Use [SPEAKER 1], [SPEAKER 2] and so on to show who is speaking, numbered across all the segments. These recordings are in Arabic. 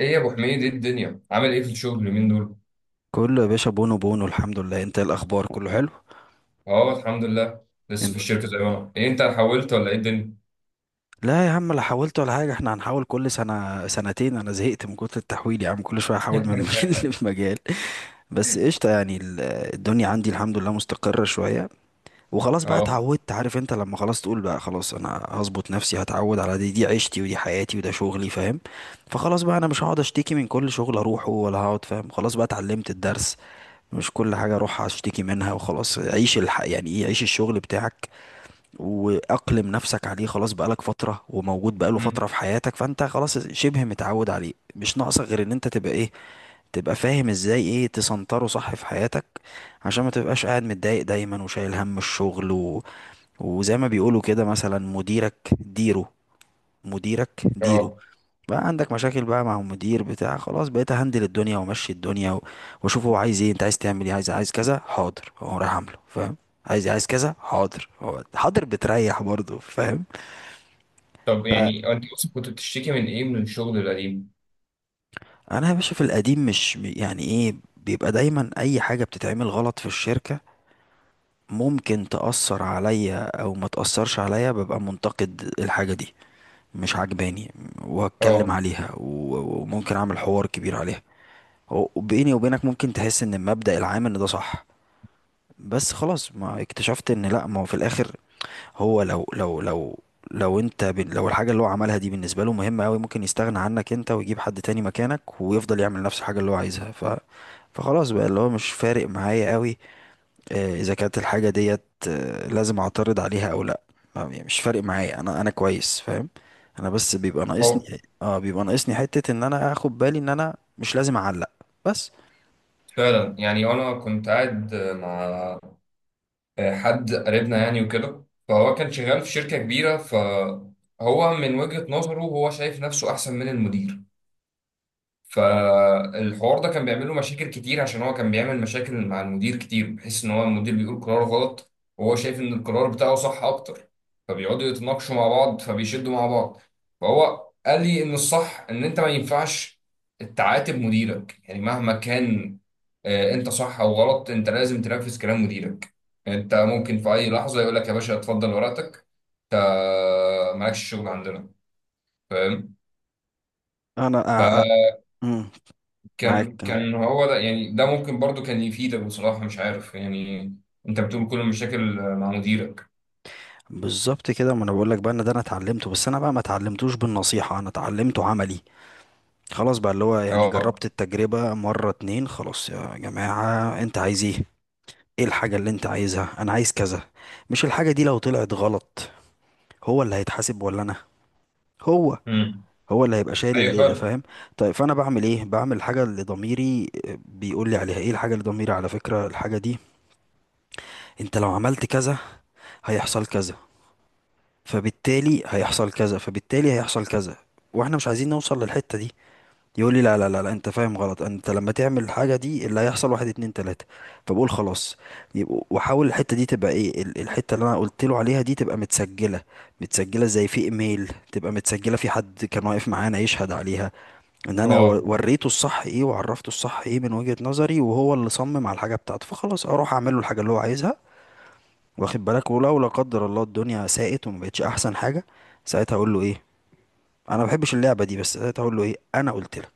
[SPEAKER 1] ايه يا ابو حميد، ايه الدنيا؟ عامل ايه في الشغل اليومين دول؟
[SPEAKER 2] كله يا باشا، بونو بونو الحمد لله. انت ايه الاخبار؟ كله حلو؟
[SPEAKER 1] اه الحمد لله. لسه
[SPEAKER 2] إم-
[SPEAKER 1] في الشركه زي ما انا، ايه انت حولت ولا ايه الدنيا؟
[SPEAKER 2] لا يا عم، لا حاولت ولا حاجه. احنا هنحاول كل سنه سنتين، انا زهقت من كتر التحويل يا عم، كل شويه احاول من مجال لمجال. بس قشطه يعني، الدنيا عندي الحمد لله مستقره شويه. وخلاص بقى
[SPEAKER 1] اه.
[SPEAKER 2] اتعودت. عارف انت لما خلاص تقول بقى خلاص انا هظبط نفسي، هتعود على دي عيشتي ودي حياتي وده شغلي، فاهم. فخلاص بقى انا مش هقعد اشتكي من كل شغل اروحه ولا هقعد، فاهم. خلاص بقى اتعلمت الدرس. مش كل حاجة اروح اشتكي منها. وخلاص يعني ايه، عيش الشغل بتاعك واقلم نفسك عليه. خلاص بقالك فترة، وموجود بقاله
[SPEAKER 1] مم.
[SPEAKER 2] فترة في حياتك، فانت خلاص شبه متعود عليه. مش ناقصك غير ان انت تبقى ايه، تبقى فاهم ازاي ايه تسنتره صح في حياتك. عشان ما تبقاش قاعد متضايق دايما وشايل هم الشغل. وزي ما بيقولوا كده، مثلا مديرك ديره، مديرك ديره.
[SPEAKER 1] اه.
[SPEAKER 2] بقى عندك مشاكل بقى مع المدير بتاع، خلاص بقيت هندل الدنيا وامشي الدنيا واشوف هو عايز ايه. انت عايز تعمل ايه؟ عايز عايز كذا، حاضر، هو رايح عامله، فاهم. عايز عايز كذا، حاضر، هو حاضر بتريح برضه، فاهم.
[SPEAKER 1] طب يعني انت اصلا كنت بتشتكي من ايه من الشغل القديم؟
[SPEAKER 2] فانا يا باشا، في القديم، مش يعني ايه، بيبقى دايما اي حاجه بتتعمل غلط في الشركه، ممكن تأثر عليا او ما تأثرش عليا، ببقى منتقد الحاجه دي، مش عجباني، وهتكلم
[SPEAKER 1] اه.
[SPEAKER 2] عليها وممكن اعمل حوار كبير عليها. وبيني وبينك ممكن تحس ان المبدأ العام ان ده صح. بس خلاص ما اكتشفت ان لا، ما هو في الاخر، هو لو الحاجة اللي هو عملها دي بالنسبة له مهمة قوي، ممكن يستغنى عنك انت ويجيب حد تاني مكانك، ويفضل يعمل نفس الحاجة اللي هو عايزها. فخلاص بقى، اللي هو مش فارق معايا قوي. آه، اذا كانت الحاجه ديت، لازم اعترض عليها او لا. آه، يعني مش فارق معايا. انا كويس فاهم. انا بس بيبقى ناقصني،
[SPEAKER 1] اه
[SPEAKER 2] اه، بيبقى ناقصني حته ان انا اخد بالي ان انا مش لازم اعلق. بس.
[SPEAKER 1] فعلا. يعني انا كنت قاعد مع حد قريبنا يعني وكده، فهو كان شغال في شركه كبيره، فهو من وجهه نظره هو شايف نفسه احسن من المدير، فالحوار ده كان بيعمل له مشاكل كتير عشان هو كان بيعمل مشاكل مع المدير كتير، بحيث ان هو المدير بيقول قرار غلط وهو شايف ان القرار بتاعه صح اكتر، فبيقعدوا يتناقشوا مع بعض فبيشدوا مع بعض. فهو قال لي ان الصح ان انت ما ينفعش تعاتب مديرك يعني مهما كان. انت صح او غلط، انت لازم تنفذ كلام مديرك. انت ممكن في اي لحظة يقول لك يا باشا اتفضل ورقتك، انت مالكش شغل عندنا.
[SPEAKER 2] انا أ...
[SPEAKER 1] فاهم؟
[SPEAKER 2] أ... مم، معاك،
[SPEAKER 1] كان
[SPEAKER 2] آه.
[SPEAKER 1] كان هو ده، يعني ده ممكن برضو كان يفيدك بصراحة، مش عارف يعني. انت بتقول كل المشاكل مع مديرك.
[SPEAKER 2] بالظبط كده، ما انا بقول لك بقى ان ده انا اتعلمته. بس انا بقى ما اتعلمتوش بالنصيحه، انا اتعلمته عملي. خلاص بقى، اللي هو يعني،
[SPEAKER 1] اه.
[SPEAKER 2] جربت التجربه مره اتنين. خلاص يا جماعه، انت عايز ايه؟ ايه الحاجه اللي انت عايزها؟ انا عايز كذا. مش الحاجه دي لو طلعت غلط، هو اللي هيتحاسب ولا انا؟ هو
[SPEAKER 1] امم.
[SPEAKER 2] هو اللي هيبقى شايل
[SPEAKER 1] ايوه
[SPEAKER 2] الليله،
[SPEAKER 1] فعلا.
[SPEAKER 2] فاهم. طيب فانا بعمل ايه؟ بعمل الحاجه اللي ضميري بيقول لي عليها. ايه الحاجه اللي ضميري؟ على فكره الحاجه دي، انت لو عملت كذا، هيحصل كذا، فبالتالي هيحصل كذا، فبالتالي هيحصل كذا، واحنا مش عايزين نوصل للحته دي. يقول لي لا لا لا لا، انت فاهم غلط. انت لما تعمل الحاجه دي، اللي هيحصل واحد اتنين تلاته. فبقول خلاص، واحاول الحته دي تبقى ايه، الحته اللي انا قلت له عليها دي تبقى متسجله. متسجله زي في ايميل، تبقى متسجله في حد كان واقف معانا يشهد عليها. ان انا
[SPEAKER 1] اه.
[SPEAKER 2] وريته الصح ايه، وعرفته الصح ايه من وجهه نظري، وهو اللي صمم على الحاجه بتاعته، فخلاص اروح اعمل له الحاجه اللي هو عايزها. واخد بالك. ولو لا قدر الله الدنيا ساءت وما بقتش احسن حاجه، ساعتها اقول له ايه؟ انا ما بحبش اللعبه دي، بس ساعتها اقول له ايه؟ انا قلت لك،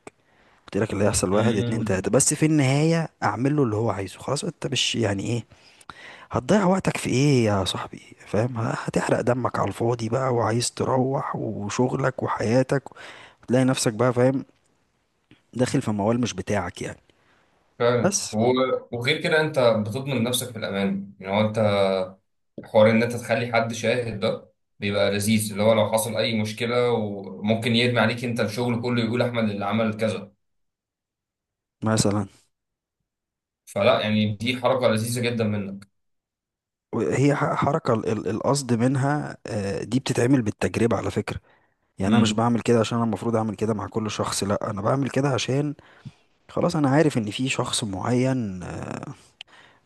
[SPEAKER 2] قلت لك اللي هيحصل واحد اتنين
[SPEAKER 1] امم.
[SPEAKER 2] تلاتة. بس في النهاية اعمل له اللي هو عايزه خلاص، انت مش يعني ايه، هتضيع وقتك في ايه يا صاحبي؟ فاهم، هتحرق دمك على الفاضي بقى، وعايز تروح وشغلك وحياتك، تلاقي نفسك بقى، فاهم، داخل في موال مش بتاعك يعني.
[SPEAKER 1] فعلا.
[SPEAKER 2] بس.
[SPEAKER 1] وغير كده انت بتضمن نفسك في الامان، يعني هو انت حوار ان انت تخلي حد شاهد ده بيبقى لذيذ، اللي هو لو حصل اي مشكلة وممكن يرمي عليك انت الشغل كله، يقول احمد اللي عمل كذا،
[SPEAKER 2] مثلا،
[SPEAKER 1] فلا. يعني دي حركة لذيذة جدا منك.
[SPEAKER 2] هي حركة القصد منها، دي بتتعمل بالتجربة على فكرة. يعني انا مش
[SPEAKER 1] امم.
[SPEAKER 2] بعمل كده عشان انا المفروض اعمل كده مع كل شخص، لا انا بعمل كده عشان خلاص انا عارف ان في شخص معين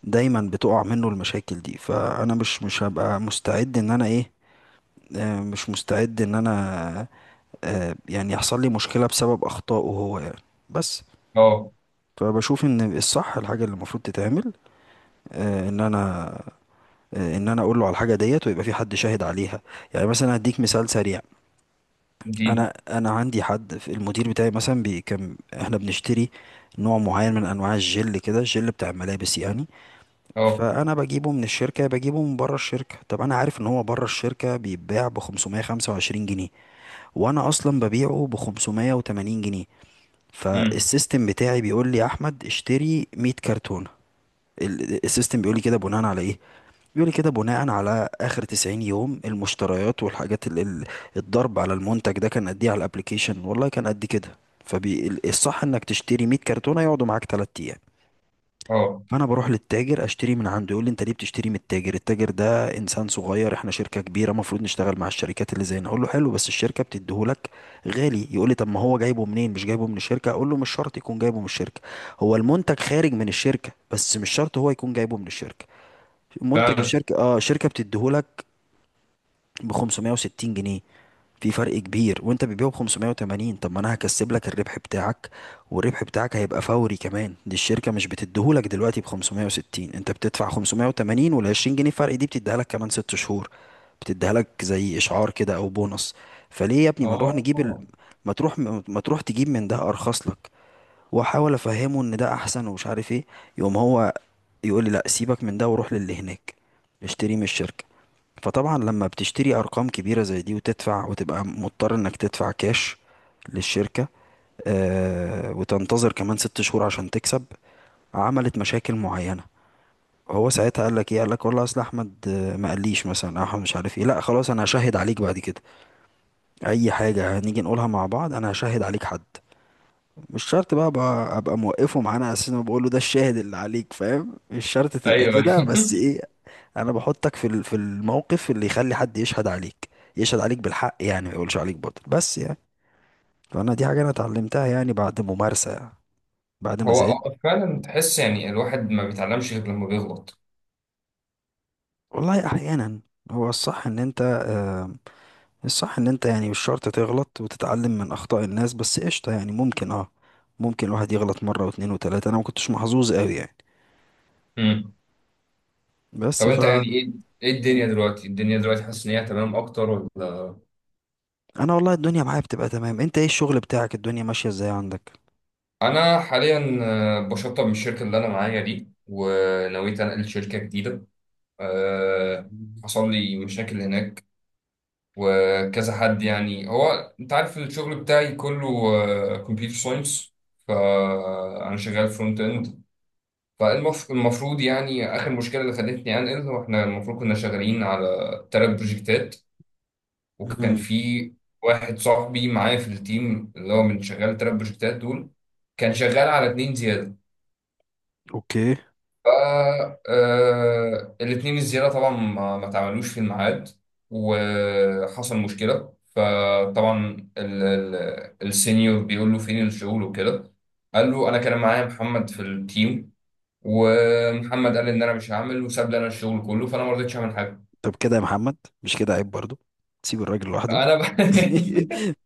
[SPEAKER 2] دايما بتقع منه المشاكل دي، فانا مش هبقى مستعد ان انا ايه، آه، مش مستعد ان انا، يعني يحصل لي مشكلة بسبب اخطائه هو يعني. بس.
[SPEAKER 1] اه.
[SPEAKER 2] فبشوف ان الصح الحاجة اللي المفروض تتعمل، ان انا، ان انا اقول له على الحاجة ديت، ويبقى في حد شاهد عليها. يعني مثلا هديك مثال سريع.
[SPEAKER 1] دي
[SPEAKER 2] انا عندي حد في المدير بتاعي، مثلا بي، كان احنا بنشتري نوع معين من انواع الجل، كده الجل بتاع الملابس يعني.
[SPEAKER 1] اه.
[SPEAKER 2] فانا بجيبه من الشركه، بجيبه من بره الشركه. طب انا عارف ان هو بره الشركه بيتباع ب 525 جنيه، وانا اصلا ببيعه ب 580 جنيه.
[SPEAKER 1] امم.
[SPEAKER 2] فالسيستم بتاعي بيقول لي يا احمد، اشتري 100 كرتونه. السيستم بيقول لي كده بناء على ايه؟ بيقول لي كده بناء على اخر 90 يوم، المشتريات والحاجات، الضرب على المنتج ده كان قد ايه على الابليكيشن، والله كان قد كده. فالصح انك تشتري 100 كرتونه يقعدوا معاك 3 ايام.
[SPEAKER 1] اه
[SPEAKER 2] فانا بروح للتاجر اشتري من عنده. يقول لي انت ليه بتشتري من التاجر، التاجر ده انسان صغير، احنا شركه كبيره المفروض نشتغل مع الشركات اللي زينا. اقول له حلو، بس الشركه بتديهولك غالي. يقول لي طب ما هو جايبه منين، مش جايبه من الشركه؟ اقول له مش شرط يكون جايبه من الشركه. هو المنتج خارج من الشركه، بس مش شرط هو يكون جايبه من الشركه. منتج
[SPEAKER 1] فعلا.
[SPEAKER 2] الشركه، اه، الشركه بتديهولك ب 560 جنيه. في فرق كبير، وانت بتبيعه ب 580. طب ما انا هكسب لك الربح بتاعك. والربح بتاعك هيبقى فوري كمان. دي الشركة مش بتديهولك دلوقتي ب 560، انت بتدفع 580، وال 20 جنيه فرق دي بتديها لك كمان 6 شهور. بتديها لك زي اشعار كده، او بونص. فليه يا ابني ما نروح نجيب
[SPEAKER 1] اه.
[SPEAKER 2] ما تروح ما تروح تجيب من ده ارخص لك. واحاول افهمه ان ده احسن ومش عارف ايه. يقوم هو يقول لي لا، سيبك من ده وروح للي هناك، اشتري من الشركة. فطبعا لما بتشتري ارقام كبيره زي دي وتدفع، وتبقى مضطر انك تدفع كاش للشركه، آه، وتنتظر كمان 6 شهور عشان تكسب، عملت مشاكل معينة. هو ساعتها قال لك ايه؟ قال لك والله اصل احمد ما قاليش مثلا، أو احمد مش عارف ايه، لا خلاص انا هشهد عليك بعد كده. اي حاجة هنيجي نقولها مع بعض انا هشهد عليك. حد مش شرط بقى أبقى موقفه معانا اساس ما بقول له ده الشاهد اللي عليك، فاهم. مش شرط تبقى
[SPEAKER 1] ايوه.
[SPEAKER 2] كده، بس ايه، انا بحطك في في الموقف اللي يخلي حد يشهد عليك. يشهد عليك بالحق، يعني ما يقولش عليك باطل، بس يعني. فانا دي حاجه انا اتعلمتها يعني، بعد ممارسه، بعد ما
[SPEAKER 1] هو
[SPEAKER 2] زعلت.
[SPEAKER 1] فعلا تحس يعني الواحد ما بيتعلمش غير لما بيغلط.
[SPEAKER 2] والله احيانا. هو الصح ان انت يعني مش شرط تغلط وتتعلم من اخطاء الناس. بس قشطه يعني ممكن، ممكن الواحد يغلط مره واتنين وتلاته، انا ما كنتش محظوظ قوي يعني.
[SPEAKER 1] امم.
[SPEAKER 2] بس
[SPEAKER 1] طب
[SPEAKER 2] ف
[SPEAKER 1] انت يعني ايه، ايه الدنيا
[SPEAKER 2] مم.
[SPEAKER 1] دلوقتي؟ الدنيا دلوقتي حاسس ان هي تمام اكتر ولا؟
[SPEAKER 2] انا والله الدنيا معايا بتبقى تمام. انت ايه الشغل بتاعك؟ الدنيا ماشيه ازاي عندك؟
[SPEAKER 1] انا حاليا بشطب من الشركه اللي انا معايا دي، ونويت انقل شركه جديده. أه.
[SPEAKER 2] مم.
[SPEAKER 1] حصل لي مشاكل هناك وكذا. حد يعني، هو انت عارف الشغل بتاعي كله كمبيوتر ساينس، فانا شغال فرونت اند. فالمفروض يعني آخر مشكلة اللي خلتني أنقل، وإحنا المفروض كنا شغالين على تلات بروجكتات. وكان
[SPEAKER 2] مم.
[SPEAKER 1] في واحد صاحبي معايا في التيم، اللي هو من شغال التلات بروجكتات دول، كان شغال على اتنين زيادة.
[SPEAKER 2] اوكي.
[SPEAKER 1] ف الاتنين الزيادة طبعا ما اتعملوش في الميعاد، وحصل مشكلة. فطبعا السينيور بيقول له فين الشغل وكده، قال له أنا كان معايا محمد في التيم، ومحمد قال ان انا مش هعمل وساب لي انا الشغل كله، فانا ما رضيتش اعمل حاجه.
[SPEAKER 2] طب كده يا محمد؟ مش كده عيب برضو. تسيب الراجل لوحده.
[SPEAKER 1] انا بقى.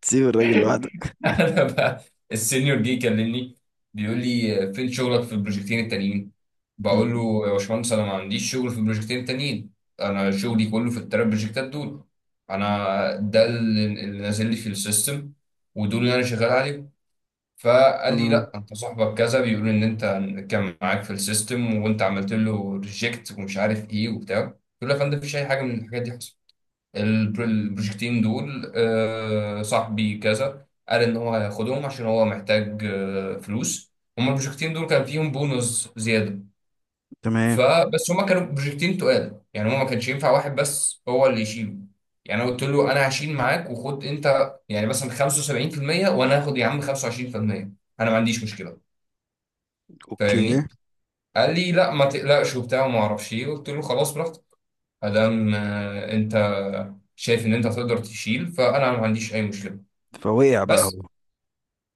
[SPEAKER 2] تسيب الراجل لوحده.
[SPEAKER 1] انا بقى، السينيور جه يكلمني، بيقول لي فين شغلك في البروجكتين التانيين؟ بقول
[SPEAKER 2] مم.
[SPEAKER 1] له يا باشمهندس انا ما عنديش شغل في البروجكتين التانيين، انا شغلي كله في التلات بروجكتات دول. انا ده اللي نازل لي في السيستم، ودول اللي انا شغال عليهم. فقال لي
[SPEAKER 2] مم.
[SPEAKER 1] لا، انت صاحبك كذا بيقول ان انت كان معاك في السيستم وانت عملت له ريجكت ومش عارف ايه وبتاع. قلت له يا فندم مفيش اي حاجه من الحاجات دي حصلت. البروجكتين دول صاحبي كذا قال ان هو هياخدهم عشان هو محتاج فلوس. هما البروجكتين دول كان فيهم بونص زياده.
[SPEAKER 2] تمام.
[SPEAKER 1] فبس هما كانوا بروجكتين تقال، يعني هو ما كانش ينفع واحد بس هو اللي يشيله. يعني انا قلت له انا هشيل معاك، وخد انت يعني مثلا 75%، وانا هاخد يا عم 25%، انا ما عنديش مشكله.
[SPEAKER 2] اوكي.
[SPEAKER 1] فاهمني؟ قال لي لا ما تقلقش وبتاع وما اعرفش ايه. قلت له خلاص براحتك، ادام انت شايف ان انت تقدر تشيل، فانا ما عنديش اي مشكله.
[SPEAKER 2] فوقع بقى
[SPEAKER 1] بس
[SPEAKER 2] هو.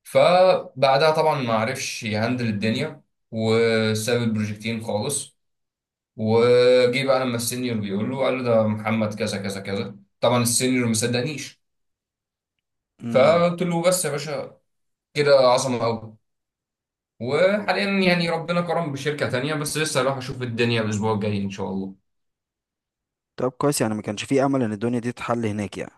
[SPEAKER 1] فبعدها طبعا ما عرفش يهندل الدنيا، وساب البروجكتين خالص. وجي بقى لما السينيور بيقول له، قال له ده محمد كذا كذا كذا. طبعا السينيور ما صدقنيش.
[SPEAKER 2] مم.
[SPEAKER 1] فقلت له بس يا باشا، كده عظمه قوي. وحاليا يعني ربنا كرم بشركه تانية، بس لسه هروح اشوف الدنيا الاسبوع الجاي ان شاء الله.
[SPEAKER 2] طب كويس يعني، ما كانش فيه امل ان الدنيا دي تتحل هناك يعني؟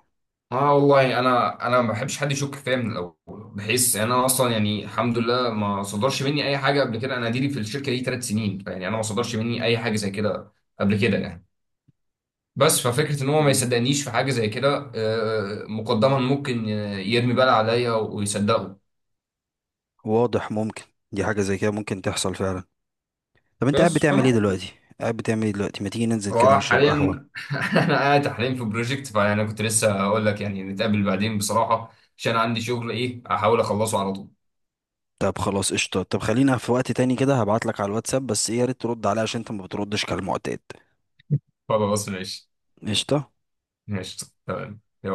[SPEAKER 1] اه والله انا ما بحبش حد يشك فيا من الاول، بحيث انا اصلا يعني الحمد لله ما صدرش مني اي حاجه قبل كده، انا ديري في الشركه دي 3 سنين يعني، انا ما صدرش مني اي حاجه زي كده قبل كده يعني. بس ففكرة ان هو ما
[SPEAKER 2] مم.
[SPEAKER 1] يصدقنيش في حاجة زي كده مقدما ممكن يرمي بلا عليا ويصدقه.
[SPEAKER 2] واضح، ممكن. دي حاجة زي كده ممكن تحصل فعلا. طب انت قاعد
[SPEAKER 1] بس
[SPEAKER 2] بتعمل
[SPEAKER 1] فانا،
[SPEAKER 2] ايه دلوقتي؟ قاعد بتعمل ايه دلوقتي؟ ما تيجي ننزل كده
[SPEAKER 1] هو
[SPEAKER 2] نشرب
[SPEAKER 1] حاليا
[SPEAKER 2] قهوة.
[SPEAKER 1] انا قاعد حاليا في بروجكت، فانا كنت لسه اقول لك يعني نتقابل بعدين بصراحة عشان عندي شغل، ايه احاول اخلصه على طول.
[SPEAKER 2] طب خلاص، قشطة. طب خلينا في وقت تاني كده، هبعت لك على الواتساب. بس ايه، يا ريت ترد عليا عشان انت ما بتردش كالمعتاد.
[SPEAKER 1] خلاص ماشي.
[SPEAKER 2] قشطة.
[SPEAKER 1] ماشي تمام.